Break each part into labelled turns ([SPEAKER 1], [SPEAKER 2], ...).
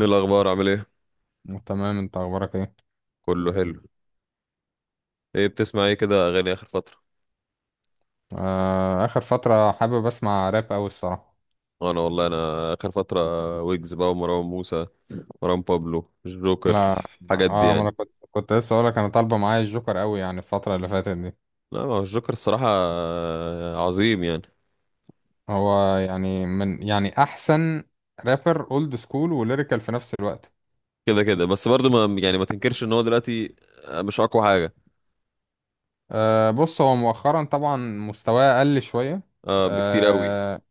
[SPEAKER 1] إيه الاخبار؟ عامل ايه؟
[SPEAKER 2] تمام، انت اخبارك ايه؟
[SPEAKER 1] كله حلو. ايه بتسمع ايه كده اغاني اخر فتره؟
[SPEAKER 2] آه اخر فتره حابب اسمع راب قوي الصراحه.
[SPEAKER 1] انا والله اخر فتره ويجز بقى ومروان موسى، مروان بابلو، الجوكر،
[SPEAKER 2] لا.
[SPEAKER 1] الحاجات دي
[SPEAKER 2] اه، ما
[SPEAKER 1] يعني.
[SPEAKER 2] انا كنت كنت لسه اقول لك انا طالبه معايا الجوكر قوي يعني الفتره اللي فاتت دي.
[SPEAKER 1] لا، ما هو الجوكر الصراحه عظيم يعني.
[SPEAKER 2] هو يعني من يعني احسن رابر اولد سكول وليريكال في نفس الوقت.
[SPEAKER 1] كده كده، بس برضه ما يعني، ما تنكرش ان هو دلوقتي مش اقوى حاجه.
[SPEAKER 2] آه بص، هو مؤخرا طبعا مستواه قل شويه.
[SPEAKER 1] اه، بكتير قوي.
[SPEAKER 2] آه.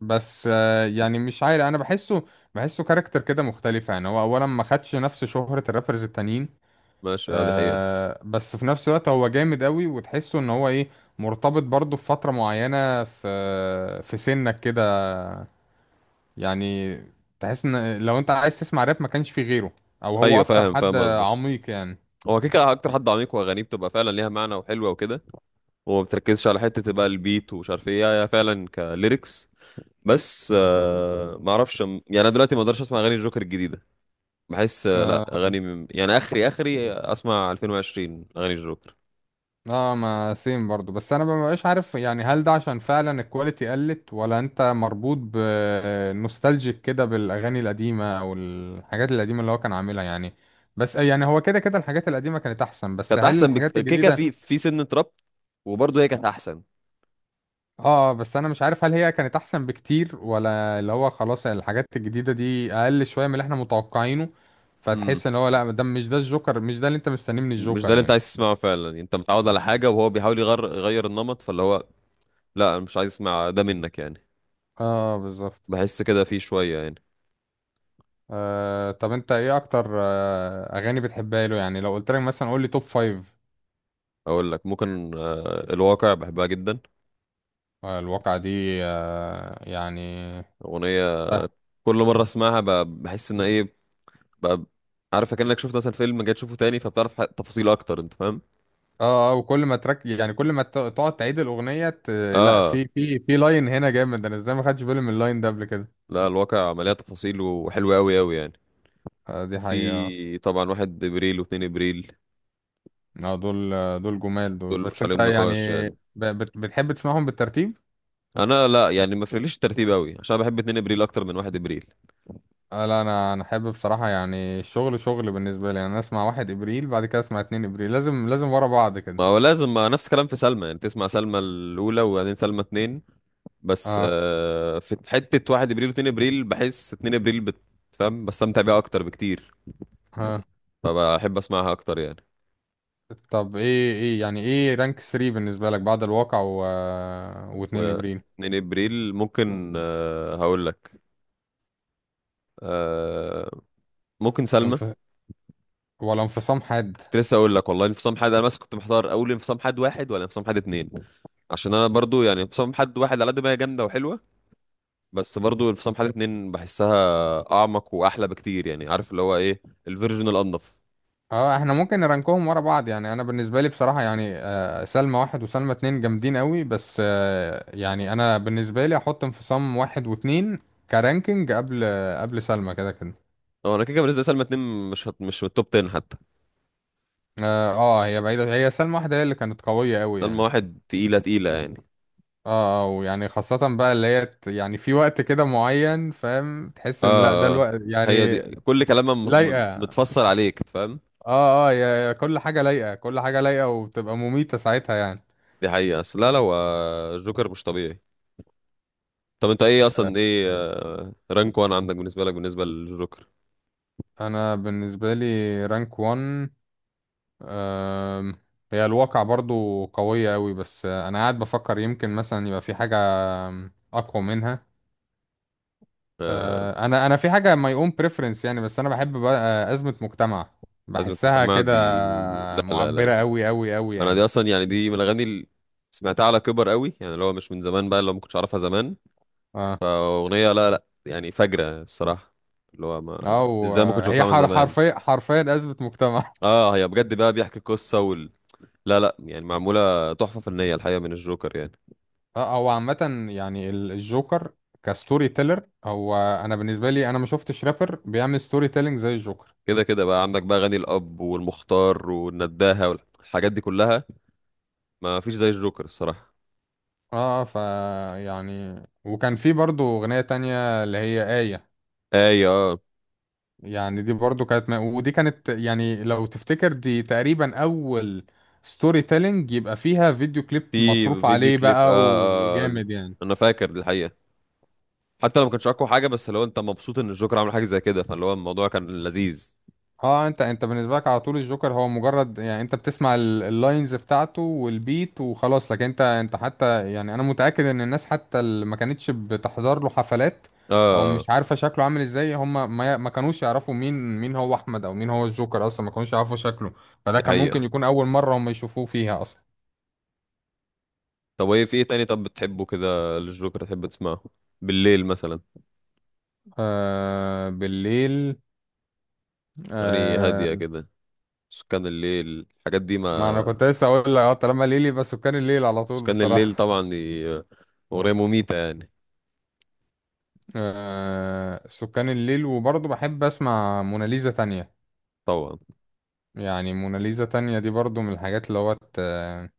[SPEAKER 2] بس يعني مش عارف انا بحسه بحسه كاركتر كده مختلفه، يعني هو اولا ما خدش نفس شهره الرابرز التانيين.
[SPEAKER 1] ماشي، اه، دي حقيقه.
[SPEAKER 2] آه بس في نفس الوقت هو جامد قوي وتحسه ان هو ايه، مرتبط برضه في فترة معينة في سنك كده يعني. تحس ان لو انت عايز تسمع راب ما كانش في غيره، او هو
[SPEAKER 1] ايوه،
[SPEAKER 2] اكتر
[SPEAKER 1] فاهم
[SPEAKER 2] حد
[SPEAKER 1] فاهم قصدك.
[SPEAKER 2] عميق يعني.
[SPEAKER 1] هو كيكا اكتر حد عميق، واغانيه بتبقى فعلا ليها معنى وحلوه وكده، وما بتركزش على حته بقى البيت ومش عارف ايه، هي فعلا كليركس. بس آه، ما اعرفش يعني، انا دلوقتي ما اقدرش اسمع اغاني الجوكر الجديده. بحس آه، لا،
[SPEAKER 2] اه،
[SPEAKER 1] يعني اخري اخري، اسمع 2020 اغاني الجوكر.
[SPEAKER 2] ما سيم برضو، بس انا ما بقاش عارف يعني هل ده عشان فعلا الكواليتي قلت ولا انت مربوط بنوستالجيك كده بالاغاني القديمه او الحاجات القديمه اللي هو كان عاملها يعني. بس يعني هو كده كده الحاجات القديمه كانت احسن، بس
[SPEAKER 1] كانت
[SPEAKER 2] هل
[SPEAKER 1] احسن
[SPEAKER 2] الحاجات
[SPEAKER 1] كيكه
[SPEAKER 2] الجديده؟
[SPEAKER 1] في سن تراب، وبرضه هي كانت احسن.
[SPEAKER 2] اه بس انا مش عارف هل هي كانت احسن بكتير ولا اللي هو خلاص الحاجات الجديدة دي اقل شوية من اللي احنا متوقعينه،
[SPEAKER 1] امم
[SPEAKER 2] فتحس ان هو لا ده مش ده الجوكر، مش ده اللي انت مستنيه من
[SPEAKER 1] مش ده
[SPEAKER 2] الجوكر
[SPEAKER 1] اللي انت
[SPEAKER 2] يعني.
[SPEAKER 1] عايز تسمعه فعلا يعني، انت متعود على حاجه وهو بيحاول يغير النمط، فاللي هو لا، انا مش عايز اسمع ده منك يعني.
[SPEAKER 2] اه بالظبط.
[SPEAKER 1] بحس كده فيه شويه يعني.
[SPEAKER 2] آه طب انت ايه اكتر اغاني بتحبها له يعني؟ لو قلت لك مثلا قول لي توب فايف.
[SPEAKER 1] اقول لك ممكن آه، الواقع بحبها جدا.
[SPEAKER 2] آه الواقعة دي. آه يعني.
[SPEAKER 1] اغنيه
[SPEAKER 2] اه
[SPEAKER 1] كل مره اسمعها، بحس ان ايه بقى، عارف، كأنك شفت مثلا فيلم جاي تشوفه تاني فبتعرف تفاصيل اكتر، انت فاهم.
[SPEAKER 2] اه. وكل ما ترك يعني كل ما تقعد تعيد الاغنية لا
[SPEAKER 1] اه.
[SPEAKER 2] في في لاين هنا جامد. انا ازاي ما خدتش بالي من اللاين ده قبل كده؟
[SPEAKER 1] لا، الواقع مليان تفاصيل وحلوة قوي قوي يعني.
[SPEAKER 2] آه دي حقيقة.
[SPEAKER 1] في طبعا واحد ابريل واتنين ابريل،
[SPEAKER 2] اه دول. دول جمال دول،
[SPEAKER 1] دول
[SPEAKER 2] بس
[SPEAKER 1] مش
[SPEAKER 2] انت
[SPEAKER 1] عليهم
[SPEAKER 2] يعني
[SPEAKER 1] نقاش يعني.
[SPEAKER 2] بتحب تسمعهم بالترتيب؟
[SPEAKER 1] انا لا يعني، ما فرقليش الترتيب قوي، عشان بحب اتنين ابريل اكتر من واحد ابريل.
[SPEAKER 2] آه لا انا احب بصراحه يعني، الشغل شغل بالنسبه لي، يعني انا اسمع واحد ابريل بعد كده اسمع اتنين ابريل، لازم ورا بعض كده.
[SPEAKER 1] ما هو لازم، ما نفس الكلام في سلمى يعني، تسمع سلمى الاولى وبعدين سلمى اتنين. بس
[SPEAKER 2] اه
[SPEAKER 1] آه، في حتة واحد ابريل واتنين ابريل بحس اتنين ابريل بتفهم، بستمتع بيها اكتر بكتير،
[SPEAKER 2] اه.
[SPEAKER 1] فبحب اسمعها اكتر يعني.
[SPEAKER 2] طب ايه رانك 3 بالنسبه لك بعد الواقع و...
[SPEAKER 1] و
[SPEAKER 2] واتنين ابريل؟
[SPEAKER 1] 2 ابريل ممكن آه، هقول لك آه، ممكن سلمى.
[SPEAKER 2] انف... ولا انفصام حاد؟
[SPEAKER 1] كنت لسه اقول لك والله انفصام حاد، انا بس كنت محتار، اول انفصام حاد واحد ولا انفصام حاد اتنين، عشان انا برضو يعني انفصام حاد واحد على قد ما هي جامده وحلوه، بس برضو انفصام حاد اتنين بحسها اعمق واحلى بكتير، يعني عارف اللي هو ايه، الفيرجن الانضف.
[SPEAKER 2] اه احنا ممكن نرانكهم ورا بعض. يعني انا بالنسبه لي بصراحه يعني، سلمى واحد وسلمى اتنين جامدين قوي، بس يعني انا بالنسبه لي احط انفصام واحد واتنين كرانكينج قبل قبل سلمى كده كده.
[SPEAKER 1] هو انا كده كده بالنسبه لسلمى اتنين مش من التوب 10 حتى.
[SPEAKER 2] اه هي بعيده، هي سلمى واحده هي اللي كانت قويه قوي
[SPEAKER 1] سلمى
[SPEAKER 2] يعني.
[SPEAKER 1] واحد تقيله تقيله يعني.
[SPEAKER 2] اه ويعني خاصه بقى اللي هي يعني في وقت كده معين فاهم، تحس ان لا ده
[SPEAKER 1] اه اه أه.
[SPEAKER 2] الوقت
[SPEAKER 1] هي دي
[SPEAKER 2] يعني.
[SPEAKER 1] كل كلامها
[SPEAKER 2] لايقه.
[SPEAKER 1] متفصل عليك، فاهم.
[SPEAKER 2] اه اه، يا كل حاجه لايقه، كل حاجه لايقه وبتبقى مميته ساعتها يعني.
[SPEAKER 1] دي حقيقة، بس لا لا، هو الجوكر مش طبيعي. طب انت ايه
[SPEAKER 2] آه،
[SPEAKER 1] اصلا، ايه آه، رانك وان عندك، بالنسبه لك، بالنسبه للجوكر؟
[SPEAKER 2] انا بالنسبه لي رانك 1. أم، هي الواقع برضو قوية أوي، بس أنا قاعد بفكر يمكن مثلا يبقى في حاجة أقوى منها.
[SPEAKER 1] آه،
[SPEAKER 2] أنا في حاجة my own preference يعني، بس أنا بحب بقى أزمة مجتمع،
[SPEAKER 1] ازمه
[SPEAKER 2] بحسها
[SPEAKER 1] مجتمع
[SPEAKER 2] كده
[SPEAKER 1] دي؟ لا لا
[SPEAKER 2] معبرة
[SPEAKER 1] لا،
[SPEAKER 2] أوي أوي أوي
[SPEAKER 1] انا دي
[SPEAKER 2] يعني.
[SPEAKER 1] اصلا يعني، دي من الاغاني اللي سمعتها على كبر قوي يعني، اللي هو مش من زمان بقى، اللي هو ما كنتش اعرفها زمان.
[SPEAKER 2] اه
[SPEAKER 1] فاغنيه لا لا يعني، فجره الصراحه، اللي هو ما،
[SPEAKER 2] أو
[SPEAKER 1] ازاي ما كنتش
[SPEAKER 2] هي
[SPEAKER 1] بسمعها من زمان.
[SPEAKER 2] حرفيا حرفيا أزمة مجتمع.
[SPEAKER 1] اه، هي بجد بقى بيحكي قصه وال... لا لا يعني، معموله تحفه فنيه الحقيقه من الجوكر يعني.
[SPEAKER 2] اه هو عامة يعني الجوكر كستوري تيلر. هو أنا بالنسبة لي، أنا ما شفتش رابر بيعمل ستوري تيلينج زي الجوكر.
[SPEAKER 1] كده كده بقى عندك بقى اغاني الاب والمختار والنداهه والحاجات دي كلها، ما فيش زي الجوكر الصراحه.
[SPEAKER 2] اه ف، يعني وكان في برضو اغنية تانية اللي هي آية،
[SPEAKER 1] ايوه،
[SPEAKER 2] يعني دي برضو كانت ودي كانت يعني لو تفتكر دي تقريبا اول ستوري تيلينج يبقى فيها فيديو كليب
[SPEAKER 1] في
[SPEAKER 2] مصروف
[SPEAKER 1] فيديو
[SPEAKER 2] عليه
[SPEAKER 1] كليب، آه,
[SPEAKER 2] بقى
[SPEAKER 1] آه،
[SPEAKER 2] وجامد يعني.
[SPEAKER 1] انا فاكر الحقيقه. حتى لو ما كانش اقوى حاجه، بس لو انت مبسوط ان الجوكر عمل حاجه زي كده، فاللي هو الموضوع كان لذيذ.
[SPEAKER 2] اه انت بالنسبه لك على طول الجوكر هو مجرد يعني انت بتسمع اللاينز بتاعته والبيت وخلاص، لكن انت حتى يعني انا متاكد ان الناس حتى اللي ما كانتش بتحضر له حفلات او
[SPEAKER 1] اه،
[SPEAKER 2] مش عارفه شكله عامل ازاي، هم ما كانوش يعرفوا مين هو احمد او مين هو الجوكر، اصلا ما كانوش يعرفوا شكله، فده
[SPEAKER 1] دي
[SPEAKER 2] كان
[SPEAKER 1] حقيقه.
[SPEAKER 2] ممكن يكون اول مره هم يشوفوه فيها اصلا.
[SPEAKER 1] طب، وايه في ايه تاني طب بتحبه كده للجوكر تحب تسمعه بالليل مثلا؟
[SPEAKER 2] آه بالليل.
[SPEAKER 1] اغاني هاديه
[SPEAKER 2] آه
[SPEAKER 1] كده، سكان الليل، الحاجات دي ما.
[SPEAKER 2] ما انا كنت لسه اقول لك، اه طالما ليلي، بس كان الليل على طول
[SPEAKER 1] سكان الليل
[SPEAKER 2] بصراحه.
[SPEAKER 1] طبعا، دي اغنيه مميته يعني.
[SPEAKER 2] آه سكان الليل، وبرضه بحب اسمع موناليزا تانية
[SPEAKER 1] طبعا.
[SPEAKER 2] يعني. موناليزا تانية دي برضه من الحاجات اللي هو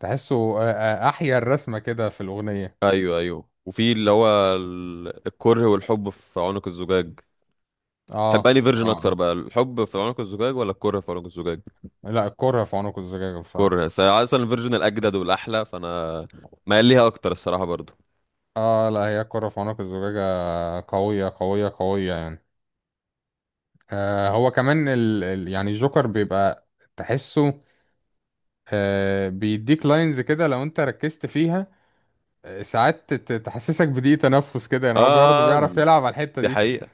[SPEAKER 2] تحسه احيا الرسمة كده في الأغنية.
[SPEAKER 1] ايوه ايوه، وفي اللي هو الكره والحب في عنق الزجاج.
[SPEAKER 2] اه
[SPEAKER 1] تحب
[SPEAKER 2] اه
[SPEAKER 1] انهي فيرجن اكتر
[SPEAKER 2] آه.
[SPEAKER 1] بقى، الحب في عنق الزجاج ولا الكره في عنق الزجاج؟
[SPEAKER 2] لا، الكرة في عنق الزجاجة بصراحة.
[SPEAKER 1] كوريا، بس اصلا الفيرجن الاجدد والاحلى فانا مايل ليها اكتر الصراحه برضو.
[SPEAKER 2] اه لا هي الكرة في عنق الزجاجة قوية قوية قوية يعني. آه هو كمان ال ال يعني الجوكر بيبقى تحسه آه بيديك لاينز كده لو انت ركزت فيها، ساعات تحسسك بضيق تنفس كده يعني،
[SPEAKER 1] اه
[SPEAKER 2] هو برضه
[SPEAKER 1] آه، آه،
[SPEAKER 2] بيعرف
[SPEAKER 1] آه،
[SPEAKER 2] يلعب على الحتة
[SPEAKER 1] دي
[SPEAKER 2] دي
[SPEAKER 1] حقيقه.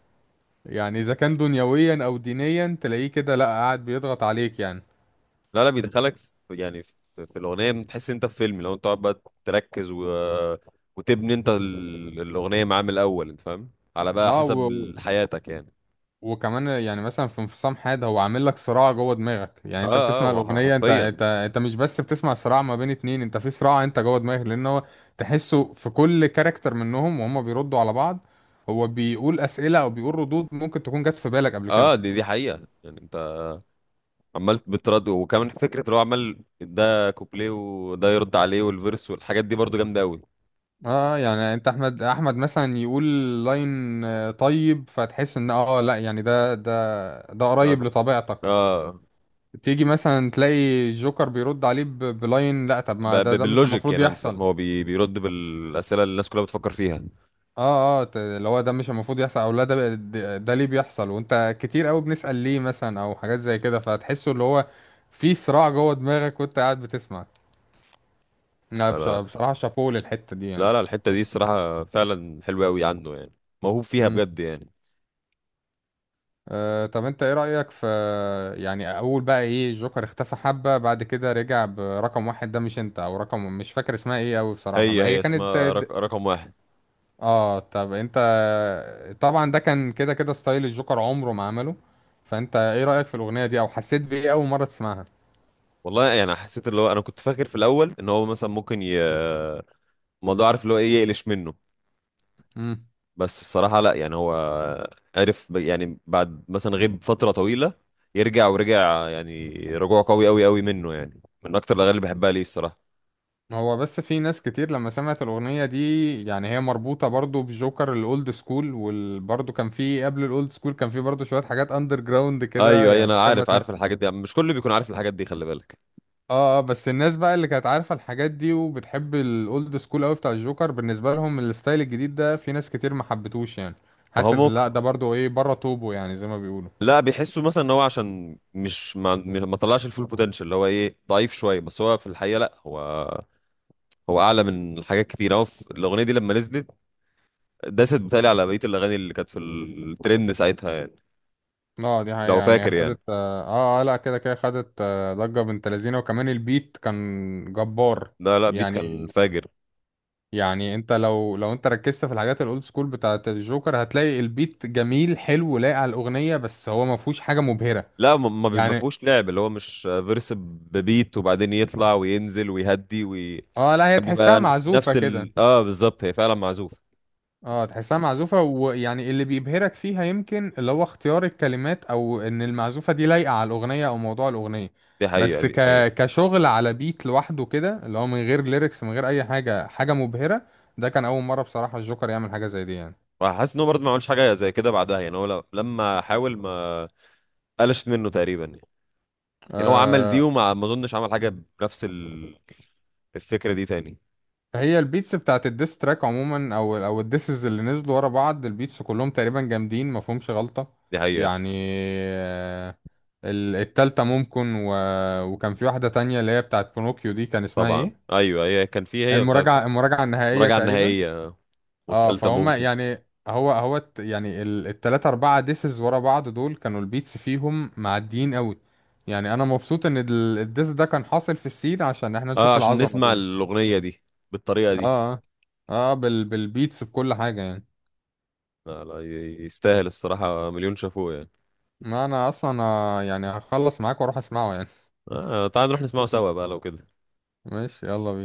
[SPEAKER 2] يعني، اذا كان دنيويا او دينيا تلاقيه كده لا قاعد بيضغط عليك يعني.
[SPEAKER 1] لا لا، بيدخلك في يعني في الاغنيه، بتحس إن انت في فيلم لو انت تقعد بقى تركز و... وتبني انت الاغنيه معاه من الاول، انت فاهم، على بقى
[SPEAKER 2] اه و...
[SPEAKER 1] حسب حياتك يعني.
[SPEAKER 2] وكمان يعني مثلا في انفصام حاد، هو عامل لك صراع جوه دماغك. يعني
[SPEAKER 1] اه
[SPEAKER 2] انت
[SPEAKER 1] اه،
[SPEAKER 2] بتسمع
[SPEAKER 1] هو
[SPEAKER 2] الاغنيه، انت
[SPEAKER 1] حرفيا.
[SPEAKER 2] انت انت مش بس بتسمع صراع ما بين اتنين، انت في صراع انت جوه دماغك، لان هو تحسه في كل كاركتر منهم وهم بيردوا على بعض. هو بيقول اسئله او بيقول ردود ممكن تكون جت في بالك قبل
[SPEAKER 1] اه
[SPEAKER 2] كده.
[SPEAKER 1] آه، دي دي حقيقه يعني. انت عمال بترد، وكمان فكره اللي هو عمال ده كوبليه وده يرد عليه والفيرس والحاجات دي برضو جامده قوي.
[SPEAKER 2] اه يعني انت احمد مثلا يقول لاين طيب، فتحس ان اه لا يعني ده
[SPEAKER 1] اه
[SPEAKER 2] قريب لطبيعتك.
[SPEAKER 1] آه. آه.
[SPEAKER 2] تيجي مثلا تلاقي الجوكر بيرد عليه بلاين لا طب ما ده ده مش
[SPEAKER 1] باللوجيك
[SPEAKER 2] المفروض
[SPEAKER 1] يعني انت
[SPEAKER 2] يحصل.
[SPEAKER 1] فاهم؟ هو بيرد بالاسئله اللي الناس كلها بتفكر فيها.
[SPEAKER 2] اه اه اللي هو ده مش المفروض يحصل، او لا ده بقى- ده ده ليه بيحصل، وانت كتير قوي بنسأل ليه مثلا او حاجات زي كده، فتحسه اللي هو في صراع جوه دماغك وانت قاعد بتسمع. لا
[SPEAKER 1] انا
[SPEAKER 2] بصراحة شابوه للحتة دي
[SPEAKER 1] لا
[SPEAKER 2] يعني.
[SPEAKER 1] لا، الحته دي الصراحه فعلا حلوه قوي عنده يعني، موهوب فيها
[SPEAKER 2] امم.
[SPEAKER 1] بجد يعني.
[SPEAKER 2] آه طب انت ايه رأيك في يعني اول بقى ايه، الجوكر اختفى حبة بعد كده رجع برقم واحد ده مش انت، او رقم مش فاكر اسمها ايه قوي بصراحة
[SPEAKER 1] هي
[SPEAKER 2] بقى، هي
[SPEAKER 1] هي
[SPEAKER 2] كانت.
[SPEAKER 1] اسمها رقم واحد.
[SPEAKER 2] اه طب انت، طبعا ده كان كده كده ستايل الجوكر عمره ما عمله. فانت ايه رأيك في الأغنية دي او حسيت بإيه اول مرة تسمعها؟
[SPEAKER 1] والله يعني، حسيت اللي هو انا كنت فاكر في الاول ان هو مثلا ممكن الموضوع، عارف اللي هو ايه، يقلش منه،
[SPEAKER 2] امم.
[SPEAKER 1] بس الصراحه لا يعني. هو عرف يعني بعد مثلا غيب فتره طويله يرجع، ورجع يعني رجوع قوي قوي قوي منه يعني، من اكتر الاغاني اللي بحبها ليه الصراحه.
[SPEAKER 2] هو بس في ناس كتير لما سمعت الأغنية دي، يعني هي مربوطة برضو بجوكر الأولد سكول، وبرضو كان في قبل الأولد سكول، كان في برضو شوية حاجات أندر جراوند كده
[SPEAKER 1] ايوه ايوه،
[SPEAKER 2] يعني،
[SPEAKER 1] انا
[SPEAKER 2] ممكن ما
[SPEAKER 1] عارف عارف
[SPEAKER 2] تلاقي.
[SPEAKER 1] الحاجات دي، مش كله بيكون عارف الحاجات دي، خلي بالك.
[SPEAKER 2] اه اه بس الناس بقى اللي كانت عارفة الحاجات دي وبتحب الأولد سكول قوي بتاع الجوكر، بالنسبة لهم الستايل الجديد ده في ناس كتير ما حبتوش يعني،
[SPEAKER 1] ما
[SPEAKER 2] حاسس
[SPEAKER 1] هو
[SPEAKER 2] ان لا
[SPEAKER 1] ممكن،
[SPEAKER 2] ده برضو ايه بره طوبه يعني زي ما بيقولوا.
[SPEAKER 1] لا بيحسوا مثلا ان هو عشان مش ما طلعش الفول بوتنشال، اللي هو ايه، ضعيف شويه، بس هو في الحقيقه لا، هو هو اعلى من حاجات كتير. هو في الاغنيه دي لما نزلت داست بتالي على بقيه الاغاني اللي كانت في الترند ساعتها يعني،
[SPEAKER 2] اه دي حقيقة،
[SPEAKER 1] لو
[SPEAKER 2] يعني هي
[SPEAKER 1] فاكر يعني.
[SPEAKER 2] خدت اه اه لا كده كده خدت ضجة بنت لذينة، وكمان البيت كان جبار
[SPEAKER 1] لا لا، بيت
[SPEAKER 2] يعني.
[SPEAKER 1] كان فاجر.
[SPEAKER 2] يعني انت لو انت ركزت في الحاجات الاولد سكول بتاعت الجوكر هتلاقي البيت جميل حلو لايق على الأغنية، بس هو ما فيهوش حاجة مبهرة
[SPEAKER 1] لا ما
[SPEAKER 2] يعني.
[SPEAKER 1] فيهوش لعب، اللي هو مش فيرس ببيت وبعدين يطلع وينزل ويهدي
[SPEAKER 2] اه لا هي
[SPEAKER 1] كان
[SPEAKER 2] تحسها
[SPEAKER 1] بيبقى
[SPEAKER 2] معزوفة
[SPEAKER 1] نفس
[SPEAKER 2] كده.
[SPEAKER 1] ال، اه، بالظبط، هي فعلا معزوفه.
[SPEAKER 2] اه تحسها معزوفة، ويعني اللي بيبهرك فيها يمكن اللي هو اختيار الكلمات، او ان المعزوفة دي لايقة على الاغنية او موضوع الاغنية.
[SPEAKER 1] دي حقيقه،
[SPEAKER 2] بس
[SPEAKER 1] دي حقيقه.
[SPEAKER 2] كشغل على بيت لوحده كده اللي هو من غير ليركس من غير اي حاجة، حاجة مبهرة، ده كان اول مرة بصراحة الجوكر يعمل حاجة زي دي يعني.
[SPEAKER 1] وحاسس ان هو برضه ما عملش حاجه زي كده بعدها يعني. هو لما حاول ما قلشت منه تقريبا يعني، يعني هو عمل دي
[SPEAKER 2] آه،
[SPEAKER 1] وما، ما اظنش عمل حاجه بنفس الفكره دي تاني.
[SPEAKER 2] هي البيتس بتاعت الديس تراك عموما او الديسز اللي نزلوا ورا بعض البيتس كلهم تقريبا جامدين ما فيهمش غلطة
[SPEAKER 1] دي حقيقه.
[SPEAKER 2] يعني. آه، التالتة ممكن و... وكان في واحدة تانية اللي هي بتاعت بونوكيو، دي كان اسمها
[SPEAKER 1] طبعا،
[SPEAKER 2] ايه،
[SPEAKER 1] ايوه، هي كان في، هي بتاعت
[SPEAKER 2] المراجعة، المراجعة النهائية
[SPEAKER 1] المراجعه
[SPEAKER 2] تقريبا.
[SPEAKER 1] النهائيه
[SPEAKER 2] اه
[SPEAKER 1] والتالتة
[SPEAKER 2] فهم
[SPEAKER 1] ممكن.
[SPEAKER 2] يعني يعني التلاتة أربعة ديسز ورا بعض دول كانوا البيتس فيهم معديين قوي يعني. أنا مبسوط إن الديس ده كان حاصل في السين عشان احنا
[SPEAKER 1] اه،
[SPEAKER 2] نشوف
[SPEAKER 1] عشان
[SPEAKER 2] العظمة
[SPEAKER 1] نسمع
[SPEAKER 2] دي.
[SPEAKER 1] الاغنيه دي بالطريقه
[SPEAKER 2] اه
[SPEAKER 1] دي.
[SPEAKER 2] اه. اه بالبيتس بكل حاجة يعني.
[SPEAKER 1] لا لا، يستاهل الصراحه مليون شافوه يعني.
[SPEAKER 2] ما انا اصلا يعني هخلص معاك واروح اسمعه يعني.
[SPEAKER 1] آه، تعال نروح نسمعه سوا بقى لو كده.
[SPEAKER 2] ماشي، يلا بينا.